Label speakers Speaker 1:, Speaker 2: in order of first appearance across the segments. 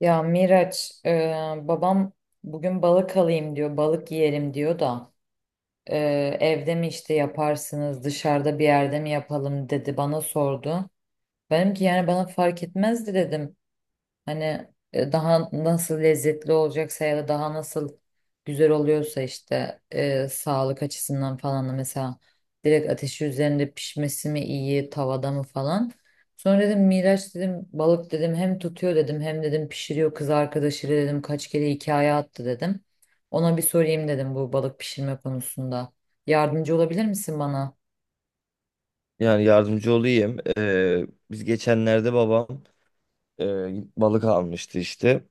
Speaker 1: Ya Miraç, babam bugün balık alayım diyor, balık yiyelim diyor da, e, evde mi işte yaparsınız, dışarıda bir yerde mi yapalım dedi, bana sordu. Benim ki yani bana fark etmezdi dedim. Hani daha nasıl lezzetli olacaksa ya da daha nasıl güzel oluyorsa işte, sağlık açısından falan da, mesela direkt ateşi üzerinde pişmesi mi iyi, tavada mı falan. Sonra dedim Miraç dedim, balık dedim, hem tutuyor dedim, hem dedim pişiriyor kız arkadaşıyla dedim, kaç kere hikaye attı dedim. Ona bir sorayım dedim bu balık pişirme konusunda. Yardımcı olabilir misin bana?
Speaker 2: Yani yardımcı olayım. Biz geçenlerde babam e, balık almıştı işte.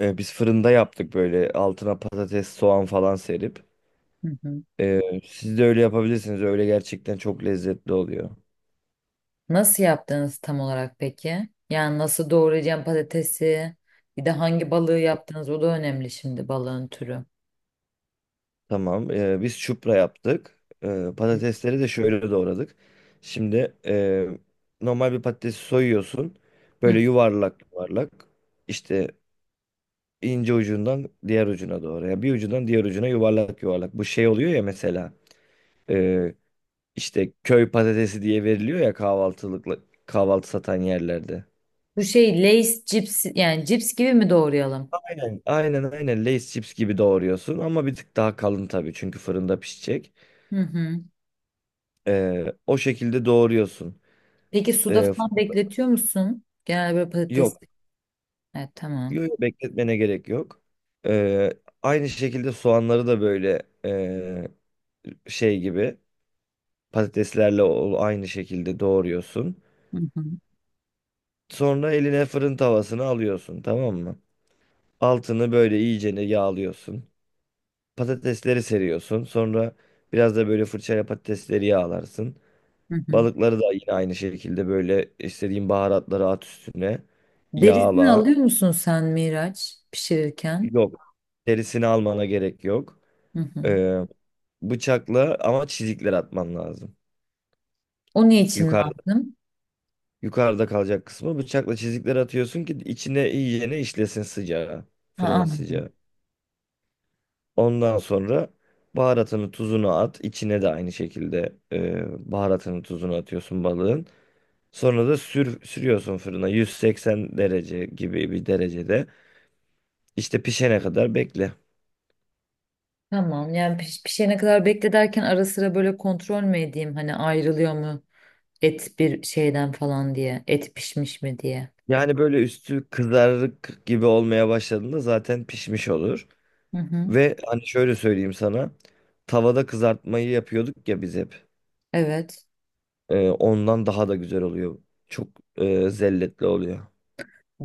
Speaker 2: Biz fırında yaptık böyle altına patates, soğan falan serip.
Speaker 1: Hı hı.
Speaker 2: Siz de öyle yapabilirsiniz. Öyle gerçekten çok lezzetli oluyor.
Speaker 1: Nasıl yaptınız tam olarak peki? Yani nasıl doğrayacağım patatesi? Bir de hangi balığı yaptınız? O da önemli şimdi, balığın türü.
Speaker 2: Tamam. Biz çupra yaptık. Patatesleri de şöyle doğradık. Şimdi normal bir patatesi soyuyorsun.
Speaker 1: Hı.
Speaker 2: Böyle yuvarlak yuvarlak. İşte ince ucundan diğer ucuna doğru. Yani bir ucundan diğer ucuna yuvarlak yuvarlak. Bu şey oluyor ya mesela. Ee, işte köy patatesi diye veriliyor ya kahvaltılıkla kahvaltı satan yerlerde.
Speaker 1: Bu şey Lay's cips, yani cips gibi mi doğrayalım?
Speaker 2: Aynen. Aynen Lay's chips gibi doğruyorsun ama bir tık daha kalın tabii çünkü fırında pişecek.
Speaker 1: Hı hı.
Speaker 2: O şekilde doğruyorsun.
Speaker 1: Peki suda
Speaker 2: Ee, f-
Speaker 1: falan bekletiyor musun? Genel böyle patates.
Speaker 2: Yok,
Speaker 1: Evet, tamam.
Speaker 2: yok, bekletmene gerek yok. Ee, Aynı şekilde soğanları da böyle şey gibi aynı şekilde doğruyorsun.
Speaker 1: Hı hı.
Speaker 2: Sonra eline fırın tavasını alıyorsun, tamam mı? Altını böyle iyicene yağlıyorsun. Patatesleri seriyorsun. Sonra biraz da böyle fırçayla patatesleri yağlarsın.
Speaker 1: Hı hı.
Speaker 2: Balıkları da yine aynı şekilde böyle istediğin baharatları at üstüne.
Speaker 1: Derisini
Speaker 2: Yağla.
Speaker 1: alıyor musun sen Miraç pişirirken?
Speaker 2: Yok. Derisini almana gerek yok.
Speaker 1: Hı hı.
Speaker 2: Ee, Bıçakla ama çizikler atman lazım.
Speaker 1: O ne için
Speaker 2: Yukarıda,
Speaker 1: lazım?
Speaker 2: yukarıda kalacak kısmı bıçakla çizikler atıyorsun ki içine iyicene işlesin sıcağı.
Speaker 1: Ha,
Speaker 2: Fırının
Speaker 1: anladım.
Speaker 2: sıcağı. Ondan sonra baharatını tuzunu at. İçine de aynı şekilde baharatını tuzunu atıyorsun balığın. Sonra da sürüyorsun fırına 180 derece gibi bir derecede. İşte pişene kadar bekle.
Speaker 1: Tamam, yani pişene kadar bekle derken, ara sıra böyle kontrol mü edeyim, hani ayrılıyor mu et bir şeyden falan diye. Et pişmiş mi diye.
Speaker 2: Yani böyle üstü kızarık gibi olmaya başladığında zaten pişmiş olur.
Speaker 1: Hı hı.
Speaker 2: Ve hani şöyle söyleyeyim sana. Tavada kızartmayı yapıyorduk ya biz hep.
Speaker 1: Evet.
Speaker 2: Ondan daha da güzel oluyor. Çok zelletli oluyor.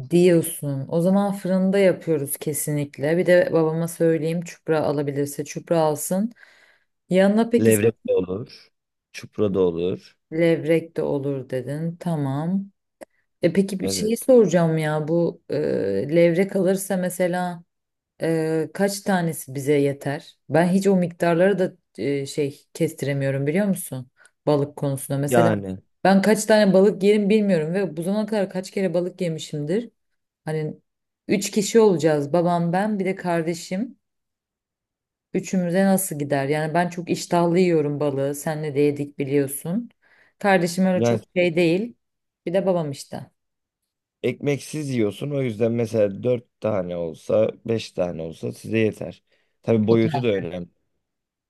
Speaker 1: Diyorsun. O zaman fırında yapıyoruz kesinlikle. Bir de babama söyleyeyim, çupra alabilirse çupra alsın. Yanına peki
Speaker 2: Levrek de olur. Çupra da olur.
Speaker 1: levrek de olur dedin. Tamam. E peki bir
Speaker 2: Evet.
Speaker 1: şeyi soracağım ya, bu levrek alırsa mesela, kaç tanesi bize yeter? Ben hiç o miktarları da şey kestiremiyorum, biliyor musun? Balık konusunda. Mesela
Speaker 2: Yani
Speaker 1: ben kaç tane balık yerim bilmiyorum ve bu zamana kadar kaç kere balık yemişimdir. Hani üç kişi olacağız. Babam, ben, bir de kardeşim. Üçümüze nasıl gider? Yani ben çok iştahlı yiyorum balığı. Senle de yedik biliyorsun. Kardeşim öyle
Speaker 2: yani
Speaker 1: çok şey değil. Bir de babam işte.
Speaker 2: ekmeksiz yiyorsun. O yüzden mesela 4 tane olsa, 5 tane olsa size yeter. Tabii boyutu
Speaker 1: Total.
Speaker 2: da önemli.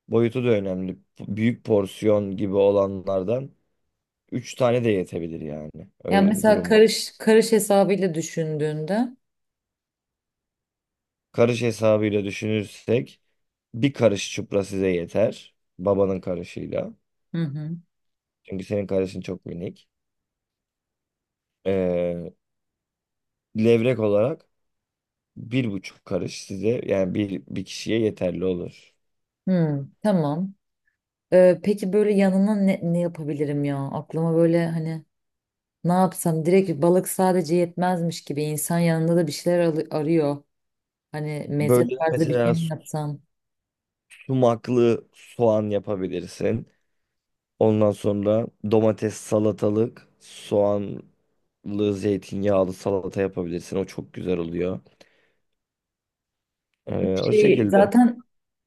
Speaker 2: Boyutu da önemli. Büyük porsiyon gibi olanlardan 3 tane de yetebilir yani.
Speaker 1: Yani
Speaker 2: Öyle bir
Speaker 1: mesela
Speaker 2: durum var.
Speaker 1: karış karış hesabıyla düşündüğünde.
Speaker 2: Karış hesabıyla düşünürsek bir karış çupra size yeter. Babanın karışıyla.
Speaker 1: Hı hı.
Speaker 2: Çünkü senin karışın çok minik. Ee, Levrek olarak bir buçuk karış size yani bir kişiye yeterli olur.
Speaker 1: Hmm, tamam. Peki böyle yanına ne yapabilirim ya? Aklıma böyle hani ne yapsam direkt balık sadece yetmezmiş gibi, insan yanında da bir şeyler arıyor. Hani meze
Speaker 2: Böyle
Speaker 1: tarzı bir şey
Speaker 2: mesela
Speaker 1: mi yapsam?
Speaker 2: sumaklı soğan yapabilirsin. Ondan sonra domates, salatalık, soğanlı, zeytinyağlı salata yapabilirsin. O çok güzel oluyor. O
Speaker 1: Şey,
Speaker 2: şekilde.
Speaker 1: zaten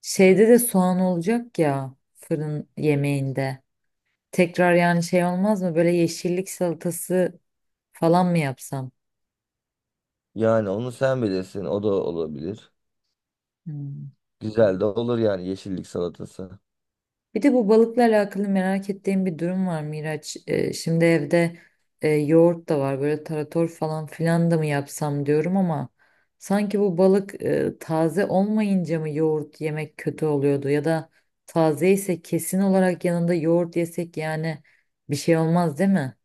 Speaker 1: şeyde de soğan olacak ya, fırın yemeğinde. Tekrar yani şey olmaz mı? Böyle yeşillik salatası falan mı yapsam?
Speaker 2: Yani onu sen bilirsin. O da olabilir.
Speaker 1: Hmm.
Speaker 2: Güzel de olur yani yeşillik salatası.
Speaker 1: Bir de bu balıkla alakalı merak ettiğim bir durum var Miraç. Şimdi evde yoğurt da var, böyle tarator falan filan da mı yapsam diyorum ama sanki bu balık taze olmayınca mı yoğurt yemek kötü oluyordu, ya da taze ise kesin olarak yanında yoğurt yesek yani bir şey olmaz değil mi?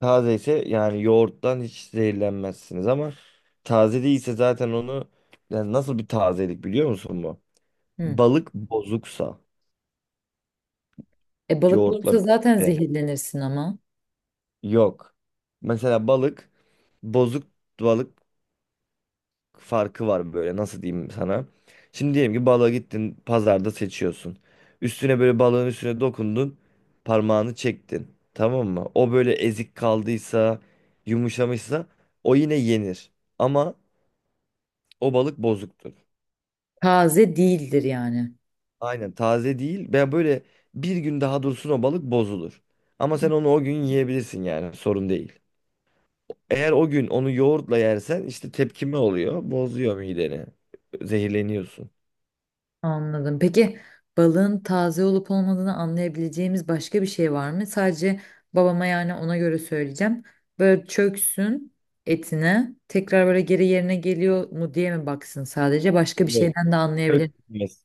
Speaker 2: Taze ise yani yoğurttan hiç zehirlenmezsiniz ama taze değilse zaten onu yani nasıl bir tazelik biliyor musun bu?
Speaker 1: Hı.
Speaker 2: Balık bozuksa
Speaker 1: E balık
Speaker 2: yoğurtla
Speaker 1: bulursa zaten
Speaker 2: birlikte.
Speaker 1: zehirlenirsin ama
Speaker 2: Yok. Mesela balık, bozuk balık farkı var böyle. Nasıl diyeyim sana? Şimdi diyelim ki balığa gittin, pazarda seçiyorsun. Üstüne böyle balığın üstüne dokundun, parmağını çektin. Tamam mı? O böyle ezik kaldıysa, yumuşamışsa o yine yenir. Ama o balık bozuktur.
Speaker 1: taze değildir yani.
Speaker 2: Aynen, taze değil. Ben böyle bir gün daha dursun o balık bozulur. Ama sen onu o gün yiyebilirsin, yani sorun değil. Eğer o gün onu yoğurtla yersen işte tepkime oluyor. Bozuyor mideni. Zehirleniyorsun.
Speaker 1: Anladım. Peki balığın taze olup olmadığını anlayabileceğimiz başka bir şey var mı? Sadece babama, yani ona göre söyleyeceğim. Böyle çöksün etine, tekrar böyle geri yerine geliyor mu diye mi baksın, sadece başka bir
Speaker 2: Yok.
Speaker 1: şeyden de anlayabilir.
Speaker 2: Çökmez.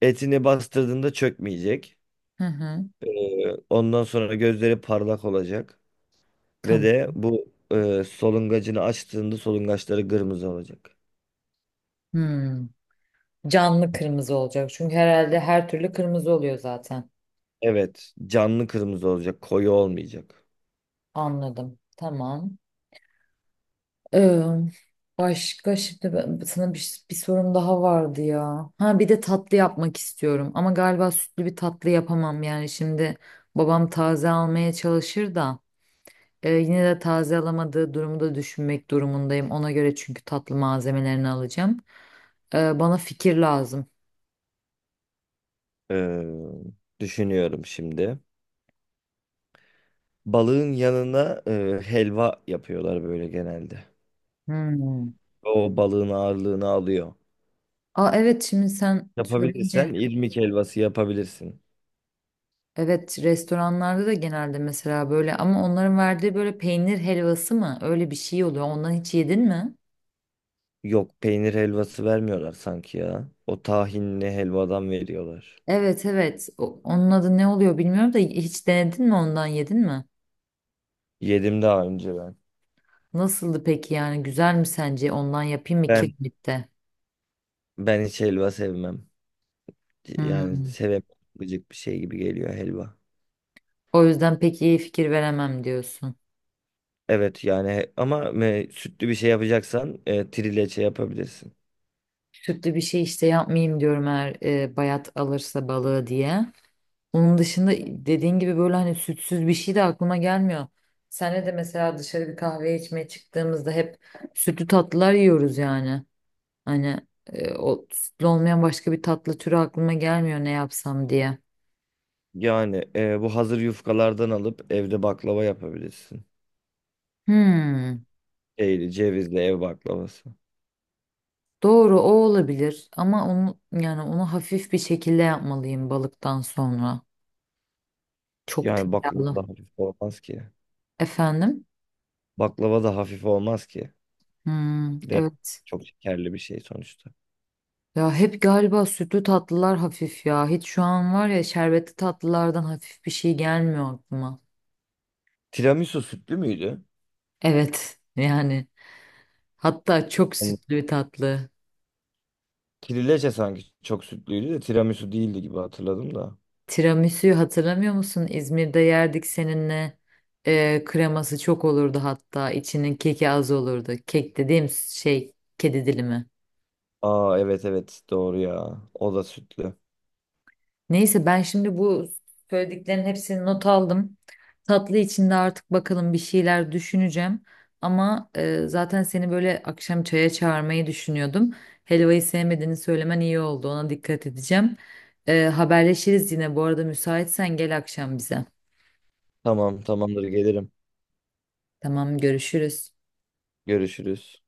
Speaker 2: Etini bastırdığında çökmeyecek.
Speaker 1: Hı hı.
Speaker 2: Ee, Ondan sonra gözleri parlak olacak. Ve
Speaker 1: Tamam.
Speaker 2: de bu solungacını açtığında solungaçları kırmızı olacak.
Speaker 1: Hmm. Canlı kırmızı olacak çünkü herhalde her türlü kırmızı oluyor zaten.
Speaker 2: Evet. Canlı kırmızı olacak. Koyu olmayacak.
Speaker 1: Anladım. Tamam. Ee, Başka şimdi sana bir sorum daha vardı ya. Ha bir de tatlı yapmak istiyorum ama galiba sütlü bir tatlı yapamam, yani şimdi babam taze almaya çalışır da yine de taze alamadığı durumu da düşünmek durumundayım. Ona göre çünkü tatlı malzemelerini alacağım. Bana fikir lazım.
Speaker 2: Ee, Düşünüyorum şimdi. Balığın yanına helva yapıyorlar böyle genelde.
Speaker 1: Hmm.
Speaker 2: O balığın ağırlığını alıyor.
Speaker 1: Aa, evet, şimdi sen söyleyince,
Speaker 2: Yapabilirsen irmik helvası yapabilirsin.
Speaker 1: evet, restoranlarda da genelde mesela böyle, ama onların verdiği böyle peynir helvası mı öyle bir şey oluyor. Ondan hiç yedin mi?
Speaker 2: Yok, peynir helvası vermiyorlar sanki ya. O tahinli helvadan veriyorlar.
Speaker 1: Evet, evet. Onun adı ne oluyor bilmiyorum da, hiç denedin mi, ondan yedin mi?
Speaker 2: Yedim daha önce ben.
Speaker 1: Nasıldı peki, yani güzel mi sence? Ondan yapayım mı
Speaker 2: Ben
Speaker 1: kirmitte?
Speaker 2: ben hiç helva sevmem. Yani
Speaker 1: Hmm.
Speaker 2: sevemem. Gıcık bir şey gibi geliyor helva.
Speaker 1: O yüzden pek iyi fikir veremem diyorsun.
Speaker 2: Evet yani ama sütlü bir şey yapacaksan trileçe yapabilirsin.
Speaker 1: Sütlü bir şey işte yapmayayım diyorum, eğer bayat alırsa balığı diye. Onun dışında dediğin gibi böyle hani sütsüz bir şey de aklıma gelmiyor. Senle de mesela dışarı bir kahve içmeye çıktığımızda hep sütlü tatlılar yiyoruz yani. Hani o sütlü olmayan başka bir tatlı türü aklıma gelmiyor, ne yapsam diye.
Speaker 2: Yani bu hazır yufkalardan alıp evde baklava yapabilirsin.
Speaker 1: Hmm,
Speaker 2: Şeyli, cevizli ev baklavası.
Speaker 1: doğru, o olabilir ama onu, yani onu hafif bir şekilde yapmalıyım balıktan sonra. Çok
Speaker 2: Yani baklava
Speaker 1: tereyağlı.
Speaker 2: da hafif olmaz ki.
Speaker 1: Efendim?
Speaker 2: Baklava da hafif olmaz ki.
Speaker 1: Hmm,
Speaker 2: De
Speaker 1: evet.
Speaker 2: çok şekerli bir şey sonuçta.
Speaker 1: Ya hep galiba sütlü tatlılar hafif ya. Hiç şu an var ya, şerbetli tatlılardan hafif bir şey gelmiyor aklıma.
Speaker 2: Tiramisu sütlü müydü?
Speaker 1: Evet yani, hatta çok
Speaker 2: Hani
Speaker 1: sütlü bir tatlı.
Speaker 2: kirileçe sanki çok sütlüydü de tiramisu değildi gibi hatırladım da.
Speaker 1: Tiramisu'yu hatırlamıyor musun? İzmir'de yerdik seninle. Kreması çok olurdu hatta. İçinin keki az olurdu. Kek dediğim şey kedi dilimi.
Speaker 2: Aa, evet evet, doğru ya. O da sütlü.
Speaker 1: Neyse, ben şimdi bu söylediklerin hepsini not aldım. Tatlı içinde artık bakalım, bir şeyler düşüneceğim. Ama zaten seni böyle akşam çaya çağırmayı düşünüyordum. Helvayı sevmediğini söylemen iyi oldu. Ona dikkat edeceğim. Haberleşiriz yine. Bu arada müsaitsen gel akşam bize.
Speaker 2: Tamam, tamamdır, gelirim.
Speaker 1: Tamam, görüşürüz.
Speaker 2: Görüşürüz.